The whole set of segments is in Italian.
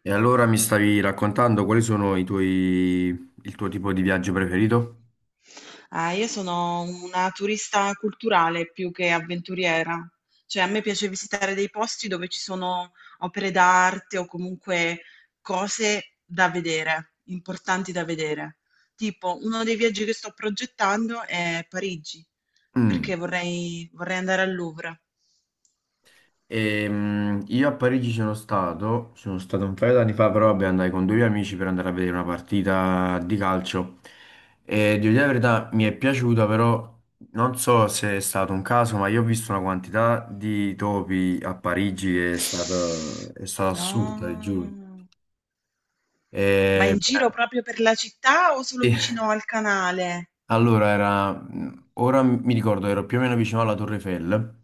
E allora mi stavi raccontando quali sono il tuo tipo di viaggio preferito? Ah, io sono una turista culturale più che avventuriera. Cioè, a me piace visitare dei posti dove ci sono opere d'arte o comunque cose da vedere, importanti da vedere. Tipo, uno dei viaggi che sto progettando è Parigi, Mm. perché vorrei andare al Louvre. Io a Parigi sono stato, un paio d'anni fa, però vabbè, andai con due amici per andare a vedere una partita di calcio. E devo dire la verità, mi è piaciuta, però non so se è stato un caso, ma io ho visto una quantità di topi a Parigi che è stata assurda, ti giuro. No. Ma E, in giro proprio per la città o solo vicino al canale? Allora, ora mi ricordo, ero più o meno vicino alla Torre Eiffel.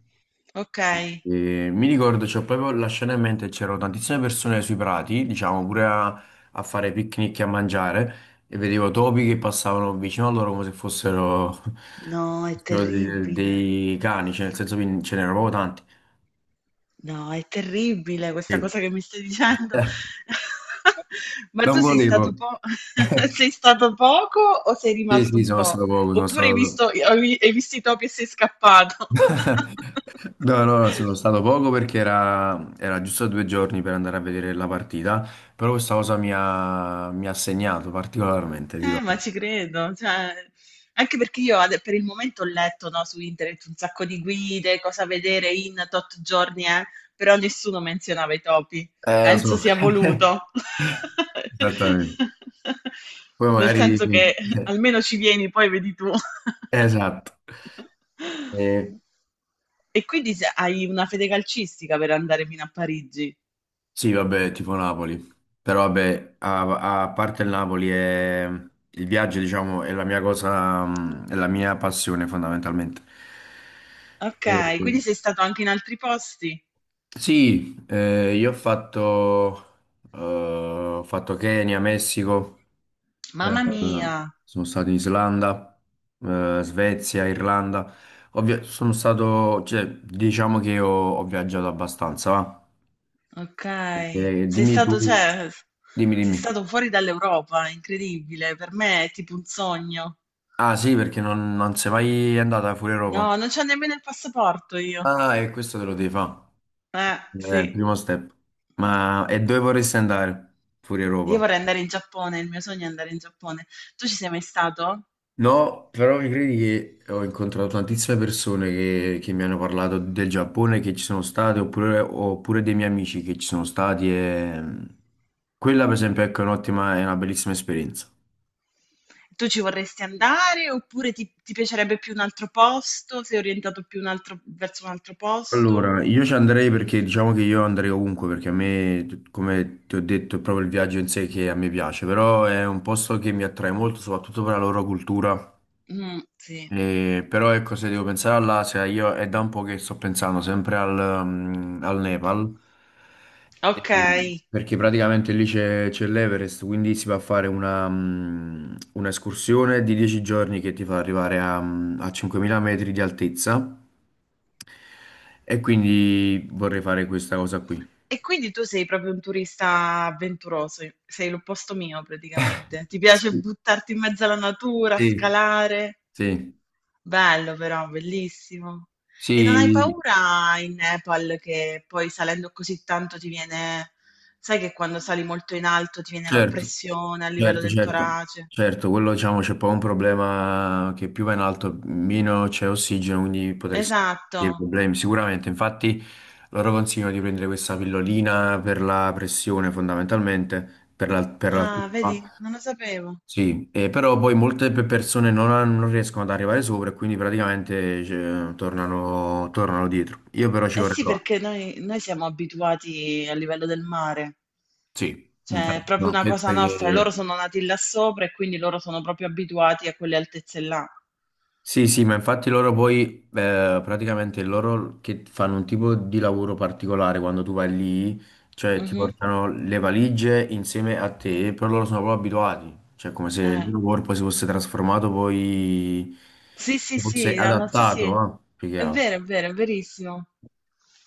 Ok. E mi ricordo, c'ho proprio la scena in mente, c'erano tantissime persone sui prati, diciamo, pure a fare picnic e a mangiare e vedevo topi che passavano vicino a loro come se fossero, No, è fossero terribile. dei, cani, cioè nel senso che ce n'erano proprio tanti. No, è terribile questa E- cosa che mi stai dicendo. Ma Non tu sei volevo. stato sei stato poco o sei Sì, rimasto sì, un sono po'? stato poco, sono Oppure hai stato. visto, hai visto i topi e sei scappato? No, no, no, sono stato poco perché era giusto 2 giorni per andare a vedere la partita, però questa cosa mi ha segnato particolarmente, dico. ma ci credo, cioè anche perché io ade per il momento ho letto, no, su internet un sacco di guide, cosa vedere in tot giorni, però nessuno menzionava i topi. Lo Penso so. sia voluto. Esattamente. Poi Nel magari. senso che almeno ci vieni, poi vedi tu. Esatto. Eh, E quindi hai una fede calcistica per andare fino a Parigi. sì, vabbè, tipo Napoli. Però vabbè, a parte il Napoli, il viaggio, diciamo, è la mia cosa, è la mia passione fondamentalmente. Ok, quindi sei stato anche in altri posti? Sì, io ho fatto Kenya, Messico, eh, Mamma mia, sono stato in Islanda, Svezia, Irlanda. Cioè, diciamo che ho viaggiato abbastanza, va. ok. Sei Dimmi stato, tu, cioè, dimmi, sei dimmi. stato fuori dall'Europa, incredibile. Per me è tipo un sogno. Ah sì, perché non sei mai andata fuori Europa. No, non c'ho nemmeno il passaporto io. Ah, e questo te lo devi fare. È Sì. il primo step. Ma e dove vorresti andare fuori Io Europa? vorrei andare in Giappone, il mio sogno è andare in Giappone. Tu ci sei mai stato? No, però mi credi che ho incontrato tantissime persone che mi hanno parlato del Giappone che ci sono state, oppure dei miei amici che ci sono stati. Quella, per esempio, ecco, è un'ottima, è una bellissima esperienza. Tu ci vorresti andare oppure ti piacerebbe più un altro posto? Sei orientato più un verso un altro posto? Allora, io ci andrei perché diciamo che io andrei ovunque, perché a me, come ti ho detto, è proprio il viaggio in sé che a me piace, però è un posto che mi attrae molto, soprattutto per la loro cultura. Mm, sì. Però ecco, se devo pensare all'Asia, io è da un po' che sto pensando sempre al Nepal. Eh, Ok. perché praticamente lì c'è l'Everest, quindi si va a fare un'escursione di 10 giorni che ti fa arrivare a 5.000 metri di altezza, e quindi vorrei fare questa cosa qui. E quindi tu sei proprio un turista avventuroso, i sei l'opposto mio praticamente. Ti piace Sì, buttarti in mezzo alla natura, sì, scalare? sì, Bello però, bellissimo. E non hai sì, paura in Nepal che poi salendo così tanto ti viene, sai che quando sali molto in alto ti viene certo. l'oppressione a livello Certo, del certo, torace? certo, quello diciamo c'è poi un problema che più va in alto, meno c'è ossigeno, quindi potresti avere Esatto. dei problemi sicuramente. Infatti loro consigliano di prendere questa pillolina per la pressione fondamentalmente, per Ah, l'altitudine. vedi, non lo sapevo. Sì, e però poi molte persone non riescono ad arrivare sopra, e quindi praticamente cioè, tornano dietro. Io però ci Eh vorrei sì, provare. perché noi siamo abituati a livello del mare. Sì, Cioè, è infatti, proprio no, una penso cosa nostra. che. Loro sono nati là sopra e quindi loro sono proprio abituati a quelle altezze là. Sì, sì, ma infatti loro poi, praticamente loro che fanno un tipo di lavoro particolare quando tu vai lì, cioè ti Mh-mh. portano le valigie insieme a te, però loro sono proprio abituati, cioè come se il Eh. loro corpo si fosse trasformato poi, Sì, sì, si fosse sì, hanno sì, adattato, sì. no? Più che È altro. vero, è vero, è verissimo.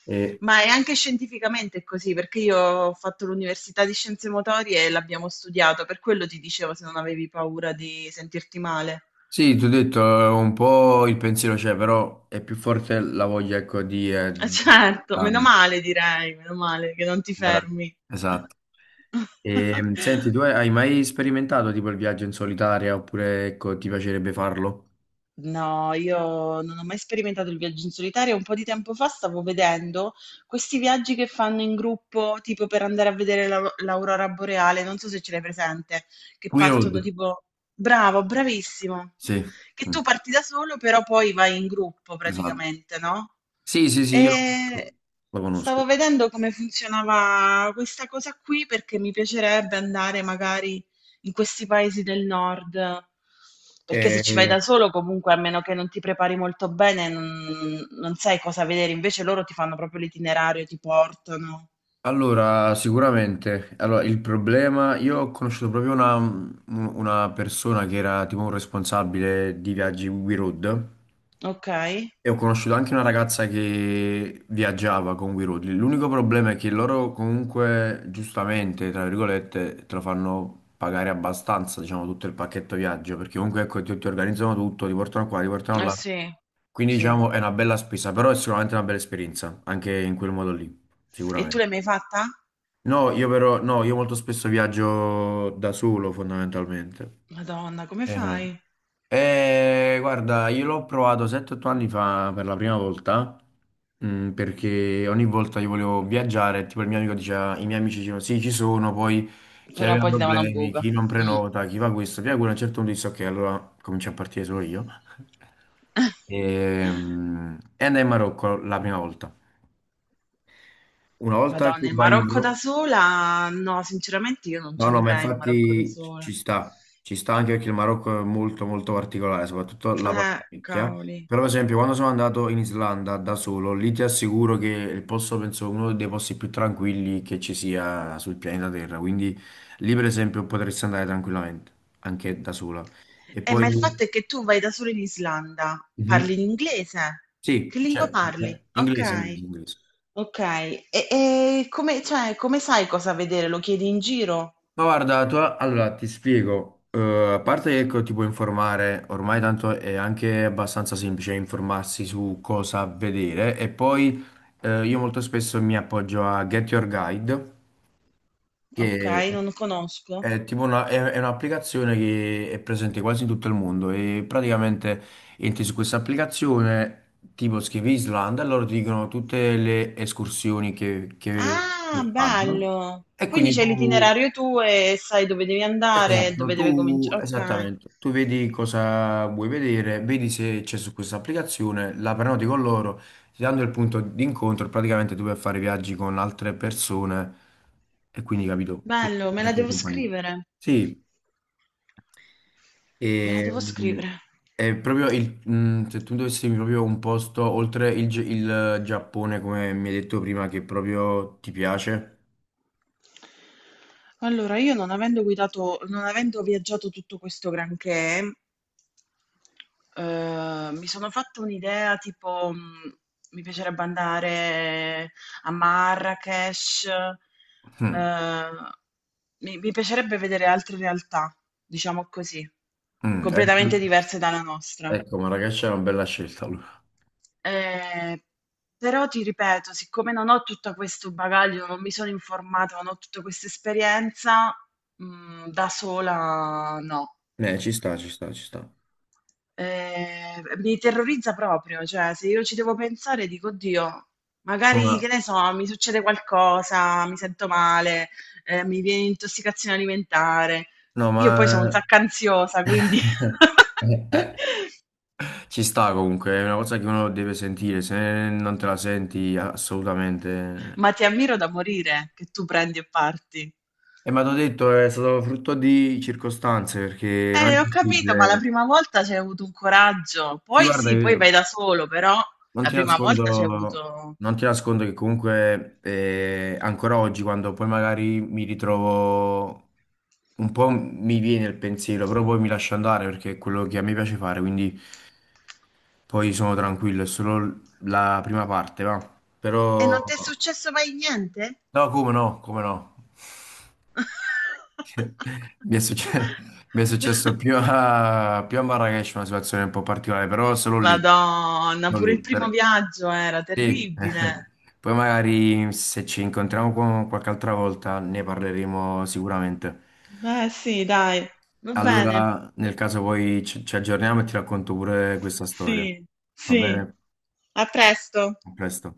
E, Ma è anche scientificamente così, perché io ho fatto l'università di scienze motorie e l'abbiamo studiato, per quello ti dicevo se non avevi paura di sentirti male. sì, ti ho detto, un po' il pensiero c'è, però è più forte la voglia, ecco, Eh certo, ah, meno male direi, meno male che non ti era- fermi. esatto. E, senti, tu hai mai sperimentato tipo il viaggio in solitaria oppure ecco, ti piacerebbe farlo? No, io non ho mai sperimentato il viaggio in solitario. Un po' di tempo fa stavo vedendo questi viaggi che fanno in gruppo, tipo per andare a vedere l'aurora boreale, non so se ce l'hai presente, che We partono Road, tipo... Bravo, bravissimo. sì. Che Mm, tu parti da solo, però poi vai in gruppo esatto. praticamente, no? Sì, sì, sì, io E lo stavo conosco. vedendo come funzionava questa cosa qui perché mi piacerebbe andare magari in questi paesi del nord. Perché se ci vai E, da solo, comunque, a meno che non ti prepari molto bene, non sai cosa vedere. Invece loro ti fanno proprio l'itinerario, ti portano. allora, sicuramente, allora, il problema, io ho conosciuto proprio una persona che era tipo un responsabile di viaggi We Road. Ok? Eh E ho conosciuto anche una ragazza che viaggiava con We Road. L'unico problema è che loro comunque, giustamente, tra virgolette, te lo fanno pagare abbastanza, diciamo, tutto il pacchetto viaggio, perché comunque ecco, ti organizzano tutto, ti portano qua, ti portano là. sì, Quindi sì. diciamo è una bella spesa, però è sicuramente una bella esperienza, anche in quel modo lì, E tu sicuramente. l'hai mai fatta? No, io però, no, io molto spesso viaggio da solo, fondamentalmente. Madonna, come Eh. fai? Guarda, io l'ho provato 7-8 anni fa per la prima volta, perché ogni volta io volevo viaggiare, tipo il mio amico diceva, i miei amici dicevano sì, ci sono, poi chi Però aveva poi ti davano problemi, buca. chi non Mm. prenota, chi fa questo, via quello, a un certo punto disse ok, allora comincio a partire solo io. E, mm, e andai in Marocco la prima volta. Una volta Madonna, che il vai in Marocco da Marocco. sola? No, sinceramente io non No, ci no, ma andrei in Marocco da infatti ci sola. ci sta, ci sta anche perché il Marocco è molto molto particolare, soprattutto la parte vecchia. Cavoli. Però, per esempio, quando sono andato in Islanda da solo, lì ti assicuro che il posto, penso, uno dei posti più tranquilli che ci sia sul pianeta Terra. Quindi lì, per esempio, potresti andare tranquillamente, anche da sola. E Ma il poi. fatto è che tu vai da solo in Islanda, Mhm. parli in inglese? Sì, Che lingua cioè, parli? inglese, Ok, inglese, inglese. ok. E come, cioè, come sai cosa vedere? Lo chiedi in giro? Ma guarda, tu, allora ti spiego. A parte che ecco, ti puoi informare, ormai tanto è anche abbastanza semplice informarsi su cosa vedere e poi io molto spesso mi appoggio a Get Your Guide, Ok, che non lo conosco. è tipo è un'applicazione che è presente quasi in tutto il mondo e praticamente entri su questa applicazione, tipo scrivi Islanda, e loro ti dicono tutte le escursioni che, che Ah, che fanno. bello. E Quindi quindi c'è tu. l'itinerario tuo e sai dove devi andare, Esatto, dove deve tu, cominciare. Ok, esattamente, tu vedi cosa vuoi vedere, vedi se c'è su questa applicazione, la prenoti con loro, ti danno il punto di incontro, e praticamente tu puoi fare viaggi con altre persone e quindi capito, puoi bello, me fare la anche in devo compagnia. scrivere. Sì, Me la e, devo mm, scrivere. è proprio il, mm, se tu dovessi dirmi proprio un posto oltre il Giappone, come mi hai detto prima, che proprio ti piace, Allora, io non avendo guidato, non avendo viaggiato tutto questo granché, mi sono fatta un'idea, tipo, mi piacerebbe andare a Marrakech, mm, ehm, mi piacerebbe vedere altre realtà, diciamo così, ecco, completamente diverse dalla nostra. ecco, Marrakech è una bella scelta allora. Ehm, Però ti ripeto, siccome non ho tutto questo bagaglio, non mi sono informata, non ho tutta questa esperienza, da sola no. Ci sta, ci sta, ci sta. Mi terrorizza proprio, cioè se io ci devo pensare dico, oddio, magari che Ma ne so, mi succede qualcosa, mi sento male, mi viene intossicazione alimentare. no, Io poi sono un ma sacco ansiosa, quindi... ci sta comunque, è una cosa che uno deve sentire, se non te la senti assolutamente. Ma ti ammiro da morire che tu prendi e parti. E ma t'ho detto, è stato frutto di circostanze, perché non è Ho capito, ma la possibile. prima volta c'hai avuto un coraggio. Sì, Poi guarda, sì, poi io vai da solo, però non la ti prima volta c'hai nascondo, avuto... non ti nascondo che comunque ancora oggi, quando poi magari mi ritrovo, un po' mi viene il pensiero, però poi mi lascio andare perché è quello che a me piace fare, quindi. Poi sono tranquillo, è solo la prima parte, va. E Però. non ti è successo mai niente? No, come no, come no. Mi è succe- mi è successo, più a Marrakech una situazione un po' particolare, però solo lì, Madonna, non pure lì. il primo per- viaggio era sì. terribile. Poi magari se ci incontriamo qualche altra volta ne parleremo sicuramente. Beh, sì, dai, va bene. Allora, nel caso poi ci aggiorniamo e ti racconto pure questa storia. Sì, Va sì. bene? A presto. A presto.